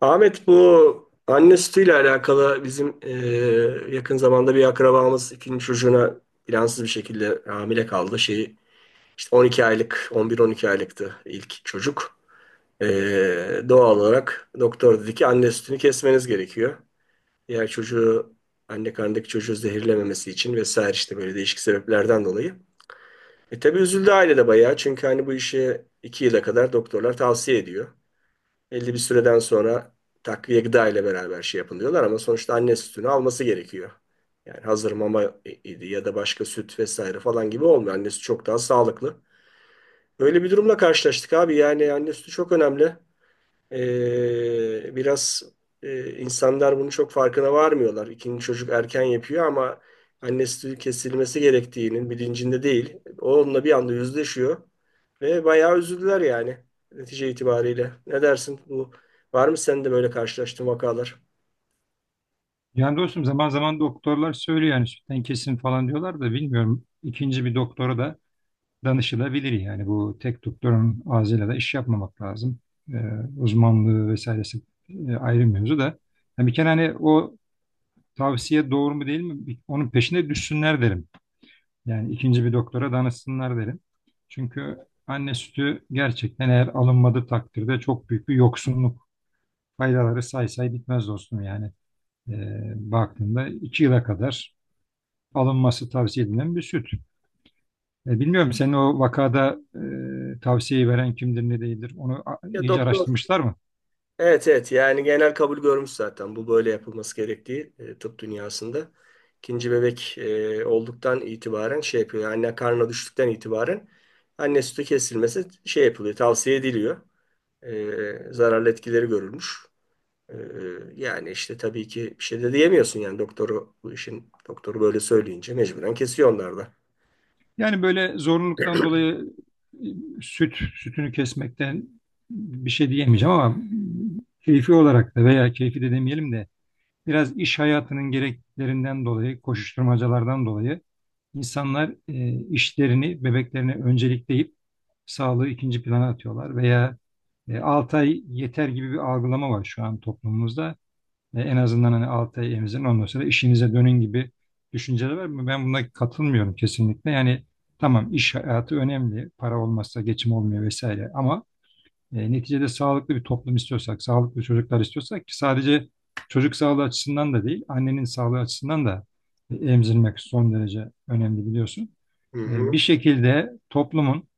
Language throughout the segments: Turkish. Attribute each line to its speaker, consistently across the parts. Speaker 1: Ahmet, bu anne sütüyle alakalı bizim yakın zamanda bir akrabamız ikinci çocuğuna plansız bir şekilde hamile kaldı. Şeyi işte 12 aylık, 11-12 aylıktı ilk çocuk. E, Doğal olarak doktor dedi ki anne sütünü kesmeniz gerekiyor. Diğer çocuğu, anne karnındaki çocuğu zehirlememesi için vesaire, işte böyle değişik sebeplerden dolayı. Tabii üzüldü aile de bayağı, çünkü hani bu işi 2 yıla kadar doktorlar tavsiye ediyor. Belli bir süreden sonra takviye gıda ile beraber şey yapın diyorlar, ama sonuçta anne sütünü alması gerekiyor. Yani hazır mama idi ya da başka süt vesaire falan gibi olmuyor. Anne sütü çok daha sağlıklı. Böyle bir durumla karşılaştık abi. Yani anne sütü çok önemli. Biraz insanlar bunu çok farkına varmıyorlar. İkinci çocuk erken yapıyor ama anne sütü kesilmesi gerektiğinin bilincinde değil. Onunla bir anda yüzleşiyor ve bayağı üzüldüler yani netice itibariyle. Ne dersin? Bu var mı sende böyle karşılaştığın vakalar?
Speaker 2: Yani dostum zaman zaman doktorlar söylüyor yani sütten kesin falan diyorlar da bilmiyorum. İkinci bir doktora da danışılabilir yani bu tek doktorun ağzıyla da iş yapmamak lazım. Ee, uzmanlığı vesairesi ayrı mevzu da. Yani bir kere hani o tavsiye doğru mu değil mi onun peşine düşsünler derim. Yani ikinci bir doktora danışsınlar derim. Çünkü anne sütü gerçekten eğer alınmadığı takdirde çok büyük bir yoksunluk, faydaları say say bitmez dostum yani. Baktığında 2 yıla kadar alınması tavsiye edilen bir süt. Bilmiyorum senin o vakada, tavsiyeyi veren kimdir ne değildir onu
Speaker 1: Ya
Speaker 2: iyice
Speaker 1: doktor
Speaker 2: araştırmışlar mı?
Speaker 1: Evet, evet, yani genel kabul görmüş zaten bu böyle yapılması gerektiği tıp dünyasında. İkinci bebek olduktan itibaren şey yapıyor. Yani anne karnına düştükten itibaren anne sütü kesilmesi şey yapılıyor, tavsiye ediliyor. Zararlı etkileri görülmüş. E, Yani işte tabii ki bir şey de diyemiyorsun, yani doktoru bu işin doktoru böyle söyleyince mecburen kesiyor onlar da.
Speaker 2: Yani böyle zorunluluktan dolayı, e, sütünü kesmekten bir şey diyemeyeceğim ama keyfi olarak da, veya keyfi de demeyelim de biraz iş hayatının gereklerinden dolayı, koşuşturmacalardan dolayı, insanlar işlerini, bebeklerini öncelikleyip sağlığı ikinci plana atıyorlar, veya 6 ay yeter gibi bir algılama var şu an toplumumuzda. En azından hani 6 ay emzirin, ondan sonra işinize dönün gibi düşünceler var. Ben buna katılmıyorum kesinlikle. Yani tamam, iş hayatı önemli, para olmazsa geçim olmuyor vesaire, ama neticede sağlıklı bir toplum istiyorsak, sağlıklı çocuklar istiyorsak, ki sadece çocuk sağlığı açısından da değil, annenin sağlığı açısından da emzirmek son derece önemli biliyorsun.
Speaker 1: Hı
Speaker 2: Bir
Speaker 1: hı.
Speaker 2: şekilde toplumun,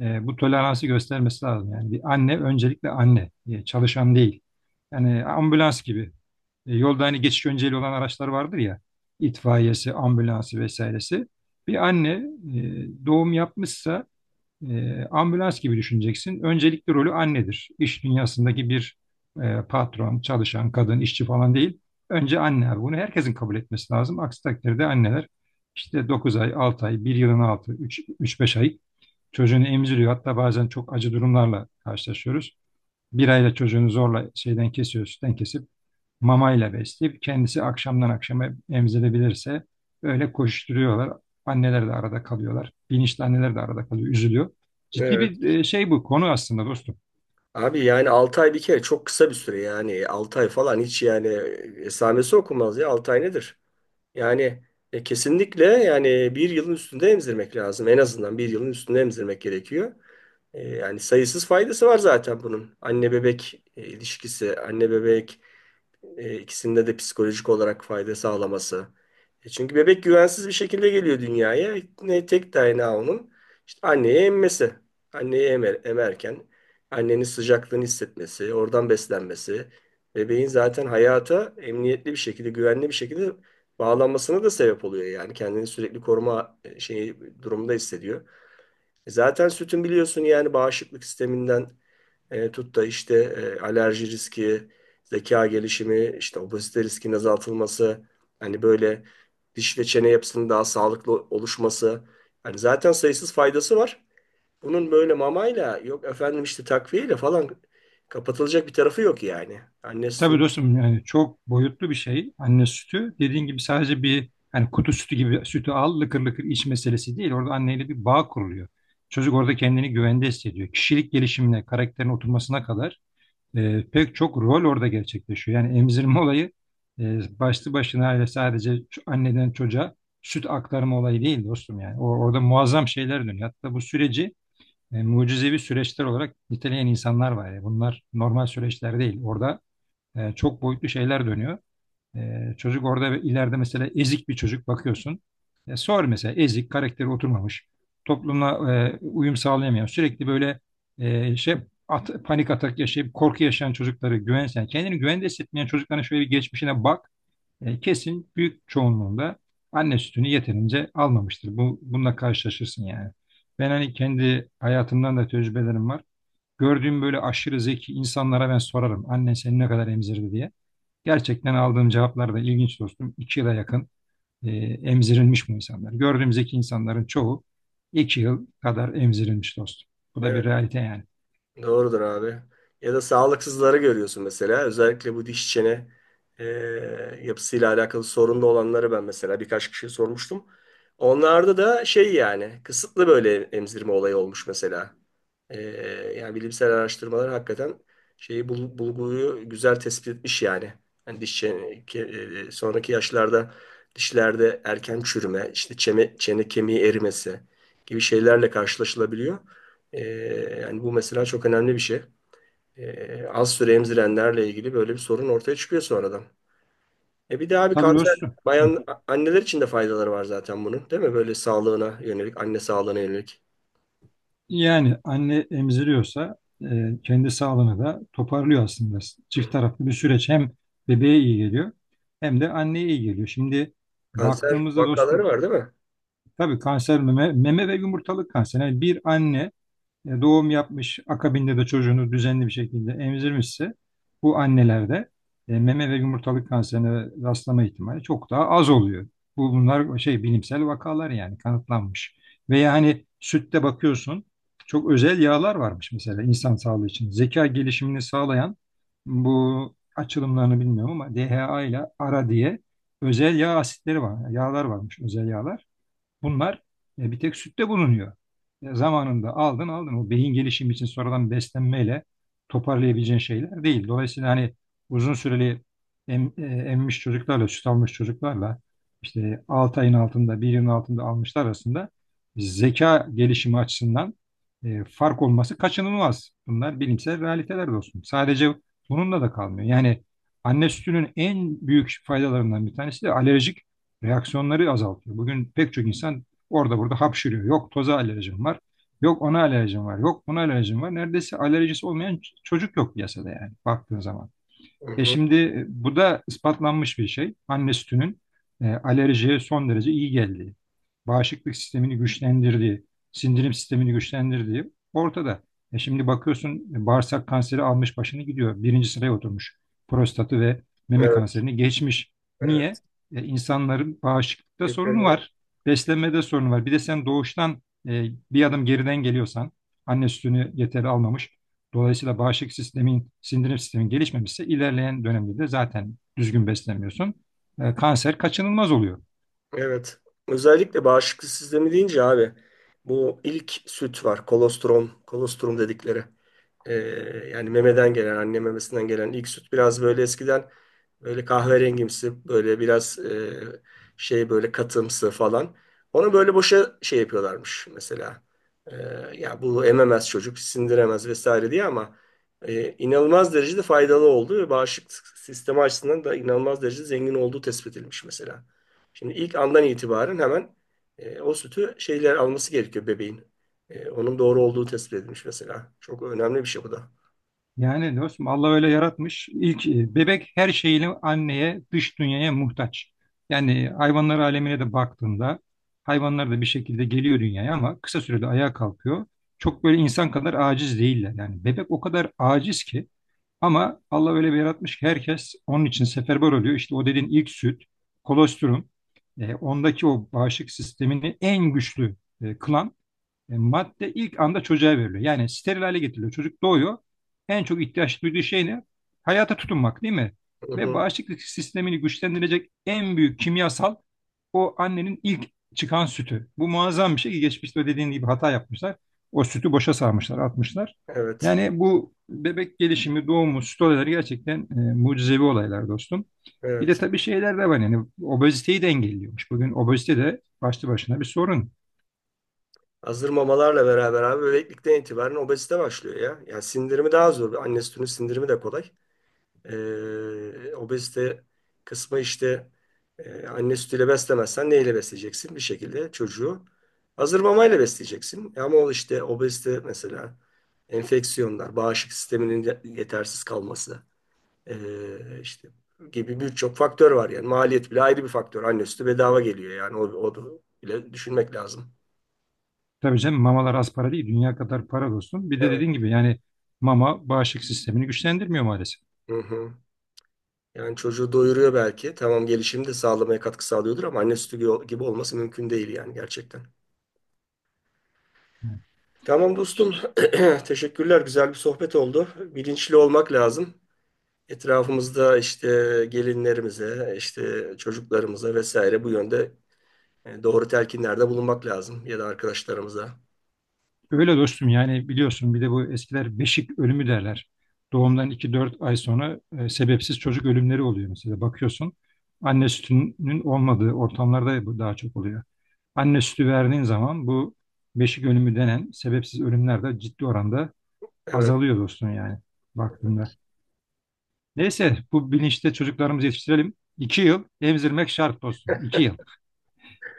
Speaker 2: bu toleransı göstermesi lazım. Yani bir anne öncelikle anne, çalışan değil. Yani ambulans gibi. Yolda hani geçiş önceliği olan araçlar vardır ya, itfaiyesi, ambulansı vesairesi. Bir anne doğum yapmışsa ambulans gibi düşüneceksin. Öncelikli rolü annedir. İş dünyasındaki bir patron, çalışan, kadın, işçi falan değil. Önce anne abi. Bunu herkesin kabul etmesi lazım. Aksi takdirde anneler işte 9 ay, 6 ay, bir yılın altı, üç beş ay çocuğunu emziriyor. Hatta bazen çok acı durumlarla karşılaşıyoruz. Bir ayla çocuğunu zorla şeyden kesiyor, sütten kesip mamayla besleyip kendisi akşamdan akşama emzirebilirse öyle koşturuyorlar. Anneler de arada kalıyorlar. Bilinçli anneler de arada kalıyor, üzülüyor. Ciddi bir
Speaker 1: Evet.
Speaker 2: şey bu konu aslında dostum.
Speaker 1: Abi yani 6 ay bir kere çok kısa bir süre, yani 6 ay falan hiç yani esamesi okunmaz ya, 6 ay nedir? Yani kesinlikle yani bir yılın üstünde emzirmek lazım. En azından bir yılın üstünde emzirmek gerekiyor. Yani sayısız faydası var zaten bunun. Anne bebek ilişkisi, anne bebek ikisinde de psikolojik olarak fayda sağlaması. Çünkü bebek güvensiz bir şekilde geliyor dünyaya. Ne tek dayanağı onun işte anneye emmesi. Anneyi emer, emerken annenin sıcaklığını hissetmesi, oradan beslenmesi, bebeğin zaten hayata emniyetli bir şekilde, güvenli bir şekilde bağlanmasına da sebep oluyor yani. Kendini sürekli koruma şeyi durumda hissediyor. Zaten sütün biliyorsun yani bağışıklık sisteminden tut da işte alerji riski, zeka gelişimi, işte obezite riskinin azaltılması, hani böyle diş ve çene yapısının daha sağlıklı oluşması. Hani zaten sayısız faydası var. Bunun böyle mamayla, yok efendim işte takviyeyle falan kapatılacak bir tarafı yok yani. Anne
Speaker 2: Tabii
Speaker 1: sütü
Speaker 2: dostum, yani çok boyutlu bir şey anne sütü. Dediğin gibi sadece bir hani kutu sütü gibi sütü al lıkır lıkır iç meselesi değil. Orada anneyle bir bağ kuruluyor. Çocuk orada kendini güvende hissediyor. Kişilik gelişimine, karakterin oturmasına kadar, pek çok rol orada gerçekleşiyor. Yani emzirme olayı başlı başına öyle sadece anneden çocuğa süt aktarma olayı değil dostum yani. Orada muazzam şeyler dönüyor. Hatta bu süreci mucizevi süreçler olarak niteleyen insanlar var ya. Bunlar normal süreçler değil. Orada çok boyutlu şeyler dönüyor. Çocuk orada, ve ileride mesela ezik bir çocuk bakıyorsun. Sor mesela, ezik, karakteri oturmamış, toplumla uyum sağlayamayan, sürekli böyle şey panik atak yaşayıp korku yaşayan çocukları, güvensen, kendini güvende hissetmeyen çocukların şöyle bir geçmişine bak. Kesin büyük çoğunluğunda anne sütünü yeterince almamıştır. Bununla karşılaşırsın yani. Ben hani kendi hayatımdan da tecrübelerim var. Gördüğüm böyle aşırı zeki insanlara ben sorarım. Annen seni ne kadar emzirdi diye. Gerçekten aldığım cevaplar da ilginç dostum. 2 yıla yakın e, emzirilmiş bu insanlar. Gördüğümüzdeki insanların çoğu 2 yıl kadar emzirilmiş dostum. Bu da bir realite yani.
Speaker 1: Doğrudur abi. Ya da sağlıksızları görüyorsun mesela. Özellikle bu diş çene e, yapısıyla alakalı sorunlu olanları ben mesela birkaç kişiye sormuştum. Onlarda da şey yani kısıtlı böyle emzirme olayı olmuş mesela. Ee, Yani bilimsel araştırmalar hakikaten şeyi bulguyu güzel tespit etmiş yani. Hani diş sonraki yaşlarda dişlerde erken çürüme, işte çene, çene kemiği erimesi gibi şeylerle karşılaşılabiliyor. Ee, Yani bu mesela çok önemli bir şey. Az süre emzirenlerle ilgili böyle bir sorun ortaya çıkıyor sonradan. E bir de abi,
Speaker 2: Tabii
Speaker 1: kanser,
Speaker 2: dostum. Hı.
Speaker 1: bayan anneler için de faydaları var zaten bunun, değil mi? Böyle sağlığına yönelik, anne sağlığına yönelik.
Speaker 2: Yani anne emziriyorsa kendi sağlığını da toparlıyor aslında. Çift
Speaker 1: Hı.
Speaker 2: taraflı bir süreç, hem bebeğe iyi geliyor hem de anneye iyi geliyor. Şimdi
Speaker 1: Kanser
Speaker 2: baktığımızda
Speaker 1: vakaları
Speaker 2: dostum,
Speaker 1: var, değil mi?
Speaker 2: tabii kanser, meme ve yumurtalık kanseri. Yani bir anne doğum yapmış, akabinde de çocuğunu düzenli bir şekilde emzirmişse, bu annelerde meme ve yumurtalık kanserine rastlama ihtimali çok daha az oluyor. Bunlar bilimsel vakalar yani, kanıtlanmış. Veya hani sütte bakıyorsun, çok özel yağlar varmış mesela insan sağlığı için. Zeka gelişimini sağlayan, bu açılımlarını bilmiyorum ama DHA ile ARA diye özel yağ asitleri var. Yağlar varmış, özel yağlar. Bunlar bir tek sütte bulunuyor. Zamanında aldın aldın. O beyin gelişimi için sonradan beslenmeyle toparlayabileceğin şeyler değil. Dolayısıyla hani uzun süreli emmiş çocuklarla, süt almış çocuklarla, işte 6 ayın altında, bir yılın altında almışlar arasında zeka gelişimi açısından fark olması kaçınılmaz. Bunlar bilimsel realiteler dostum. Sadece bununla da kalmıyor. Yani anne sütünün en büyük faydalarından bir tanesi de alerjik reaksiyonları azaltıyor. Bugün pek çok insan orada burada hapşırıyor. Yok toza alerjim var. Yok ona alerjim var. Yok buna alerjim var. Neredeyse alerjisi olmayan çocuk yok piyasada yani baktığın zaman.
Speaker 1: Hı
Speaker 2: E
Speaker 1: hı.
Speaker 2: şimdi bu da ispatlanmış bir şey. Anne sütünün alerjiye son derece iyi geldiği, bağışıklık sistemini güçlendirdiği, sindirim sistemini güçlendirdiği ortada. Şimdi bakıyorsun, bağırsak kanseri almış başını gidiyor. Birinci sıraya oturmuş. Prostatı ve meme
Speaker 1: Evet,
Speaker 2: kanserini geçmiş. Niye?
Speaker 1: evet.
Speaker 2: E, insanların bağışıklıkta
Speaker 1: İşte,
Speaker 2: sorunu var. Beslenmede sorunu var. Bir de sen doğuştan e, bir adım geriden geliyorsan, anne sütünü yeterli almamış. Dolayısıyla bağışıklık sistemin, sindirim sistemin gelişmemişse ilerleyen dönemde de zaten düzgün beslenmiyorsun. Kanser kaçınılmaz oluyor.
Speaker 1: evet. Özellikle bağışıklık sistemi deyince abi bu ilk süt var. Kolostrum, kolostrum dedikleri. Ee, Yani memeden gelen, anne memesinden gelen ilk süt biraz böyle eskiden böyle kahverengimsi, böyle biraz şey böyle katımsı falan. Onu böyle boşa şey yapıyorlarmış mesela. Ee, Ya bu ememez çocuk, sindiremez vesaire diye, ama inanılmaz derecede faydalı olduğu ve bağışıklık sistemi açısından da inanılmaz derecede zengin olduğu tespit edilmiş mesela. Şimdi ilk andan itibaren hemen o sütü şeyler alması gerekiyor bebeğin. Onun doğru olduğu tespit edilmiş mesela. Çok önemli bir şey bu da.
Speaker 2: Yani dostum Allah öyle yaratmış. İlk bebek her şeyini anneye, dış dünyaya muhtaç. Yani hayvanlar alemine de baktığında, hayvanlar da bir şekilde geliyor dünyaya ama kısa sürede ayağa kalkıyor. Çok böyle insan kadar aciz değiller. Yani bebek o kadar aciz ki, ama Allah öyle bir yaratmış ki herkes onun için seferber oluyor. İşte o dediğin ilk süt, kolostrum, ondaki o bağışıklık sistemini en güçlü kılan madde ilk anda çocuğa veriliyor. Yani steril hale getiriliyor. Çocuk doğuyor. En çok ihtiyaç duyduğu şey ne? Hayata tutunmak değil mi?
Speaker 1: Hı
Speaker 2: Ve
Speaker 1: hı.
Speaker 2: bağışıklık sistemini güçlendirecek en büyük kimyasal, o annenin ilk çıkan sütü. Bu muazzam bir şey, ki geçmişte dediğin gibi hata yapmışlar. O sütü boşa sarmışlar, atmışlar.
Speaker 1: Evet,
Speaker 2: Yani bu bebek gelişimi, doğumu, süt olayları gerçekten mucizevi olaylar dostum. Bir de
Speaker 1: evet.
Speaker 2: tabii şeyler de var yani, obeziteyi de engelliyormuş. Bugün obezite de başlı başına bir sorun.
Speaker 1: Hazır mamalarla beraber abi bebeklikten itibaren obezite başlıyor ya. Yani sindirimi daha zor. Anne sütünün sindirimi de kolay. Obezite kısmı işte anne sütüyle beslemezsen neyle besleyeceksin? Bir şekilde çocuğu hazır mamayla besleyeceksin. Ama o işte obezite mesela, enfeksiyonlar, bağışıklık sisteminin yetersiz kalması işte gibi birçok faktör var yani. Maliyet bile ayrı bir faktör. Anne sütü bedava geliyor yani. O da bile düşünmek lazım.
Speaker 2: Tabii canım, mamalar az para değil. Dünya kadar para dostum. Bir de
Speaker 1: Evet.
Speaker 2: dediğin gibi yani, mama bağışıklık sistemini güçlendirmiyor maalesef.
Speaker 1: Hı hı. Yani çocuğu doyuruyor belki. Tamam, gelişimi de sağlamaya katkı sağlıyordur, ama anne sütü gibi gibi olması mümkün değil yani gerçekten.
Speaker 2: Evet.
Speaker 1: Tamam dostum. Teşekkürler. Güzel bir sohbet oldu. Bilinçli olmak lazım. Etrafımızda işte gelinlerimize, işte çocuklarımıza vesaire bu yönde doğru telkinlerde bulunmak lazım, ya da arkadaşlarımıza.
Speaker 2: Öyle dostum, yani biliyorsun, bir de bu eskiler beşik ölümü derler. Doğumdan 2-4 ay sonra sebepsiz çocuk ölümleri oluyor mesela. Bakıyorsun anne sütünün olmadığı ortamlarda bu daha çok oluyor. Anne sütü verdiğin zaman, bu beşik ölümü denen sebepsiz ölümler de ciddi oranda
Speaker 1: Evet,
Speaker 2: azalıyor dostum, yani baktığında. Neyse, bu bilinçte çocuklarımızı yetiştirelim. 2 yıl emzirmek şart dostum. 2 yıl.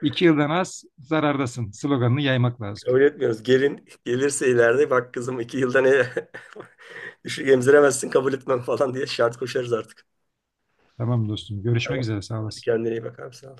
Speaker 2: 2 yıldan az zarardasın sloganını yaymak lazım.
Speaker 1: kabul etmiyoruz. Gelin gelirse ileride bak kızım, iki yılda ne düşük emziremezsin, kabul etmem falan diye şart koşarız artık.
Speaker 2: Tamam dostum. Görüşmek
Speaker 1: Tamam.
Speaker 2: üzere. Sağ
Speaker 1: Hadi
Speaker 2: olasın.
Speaker 1: kendine iyi bak abi, sağ ol.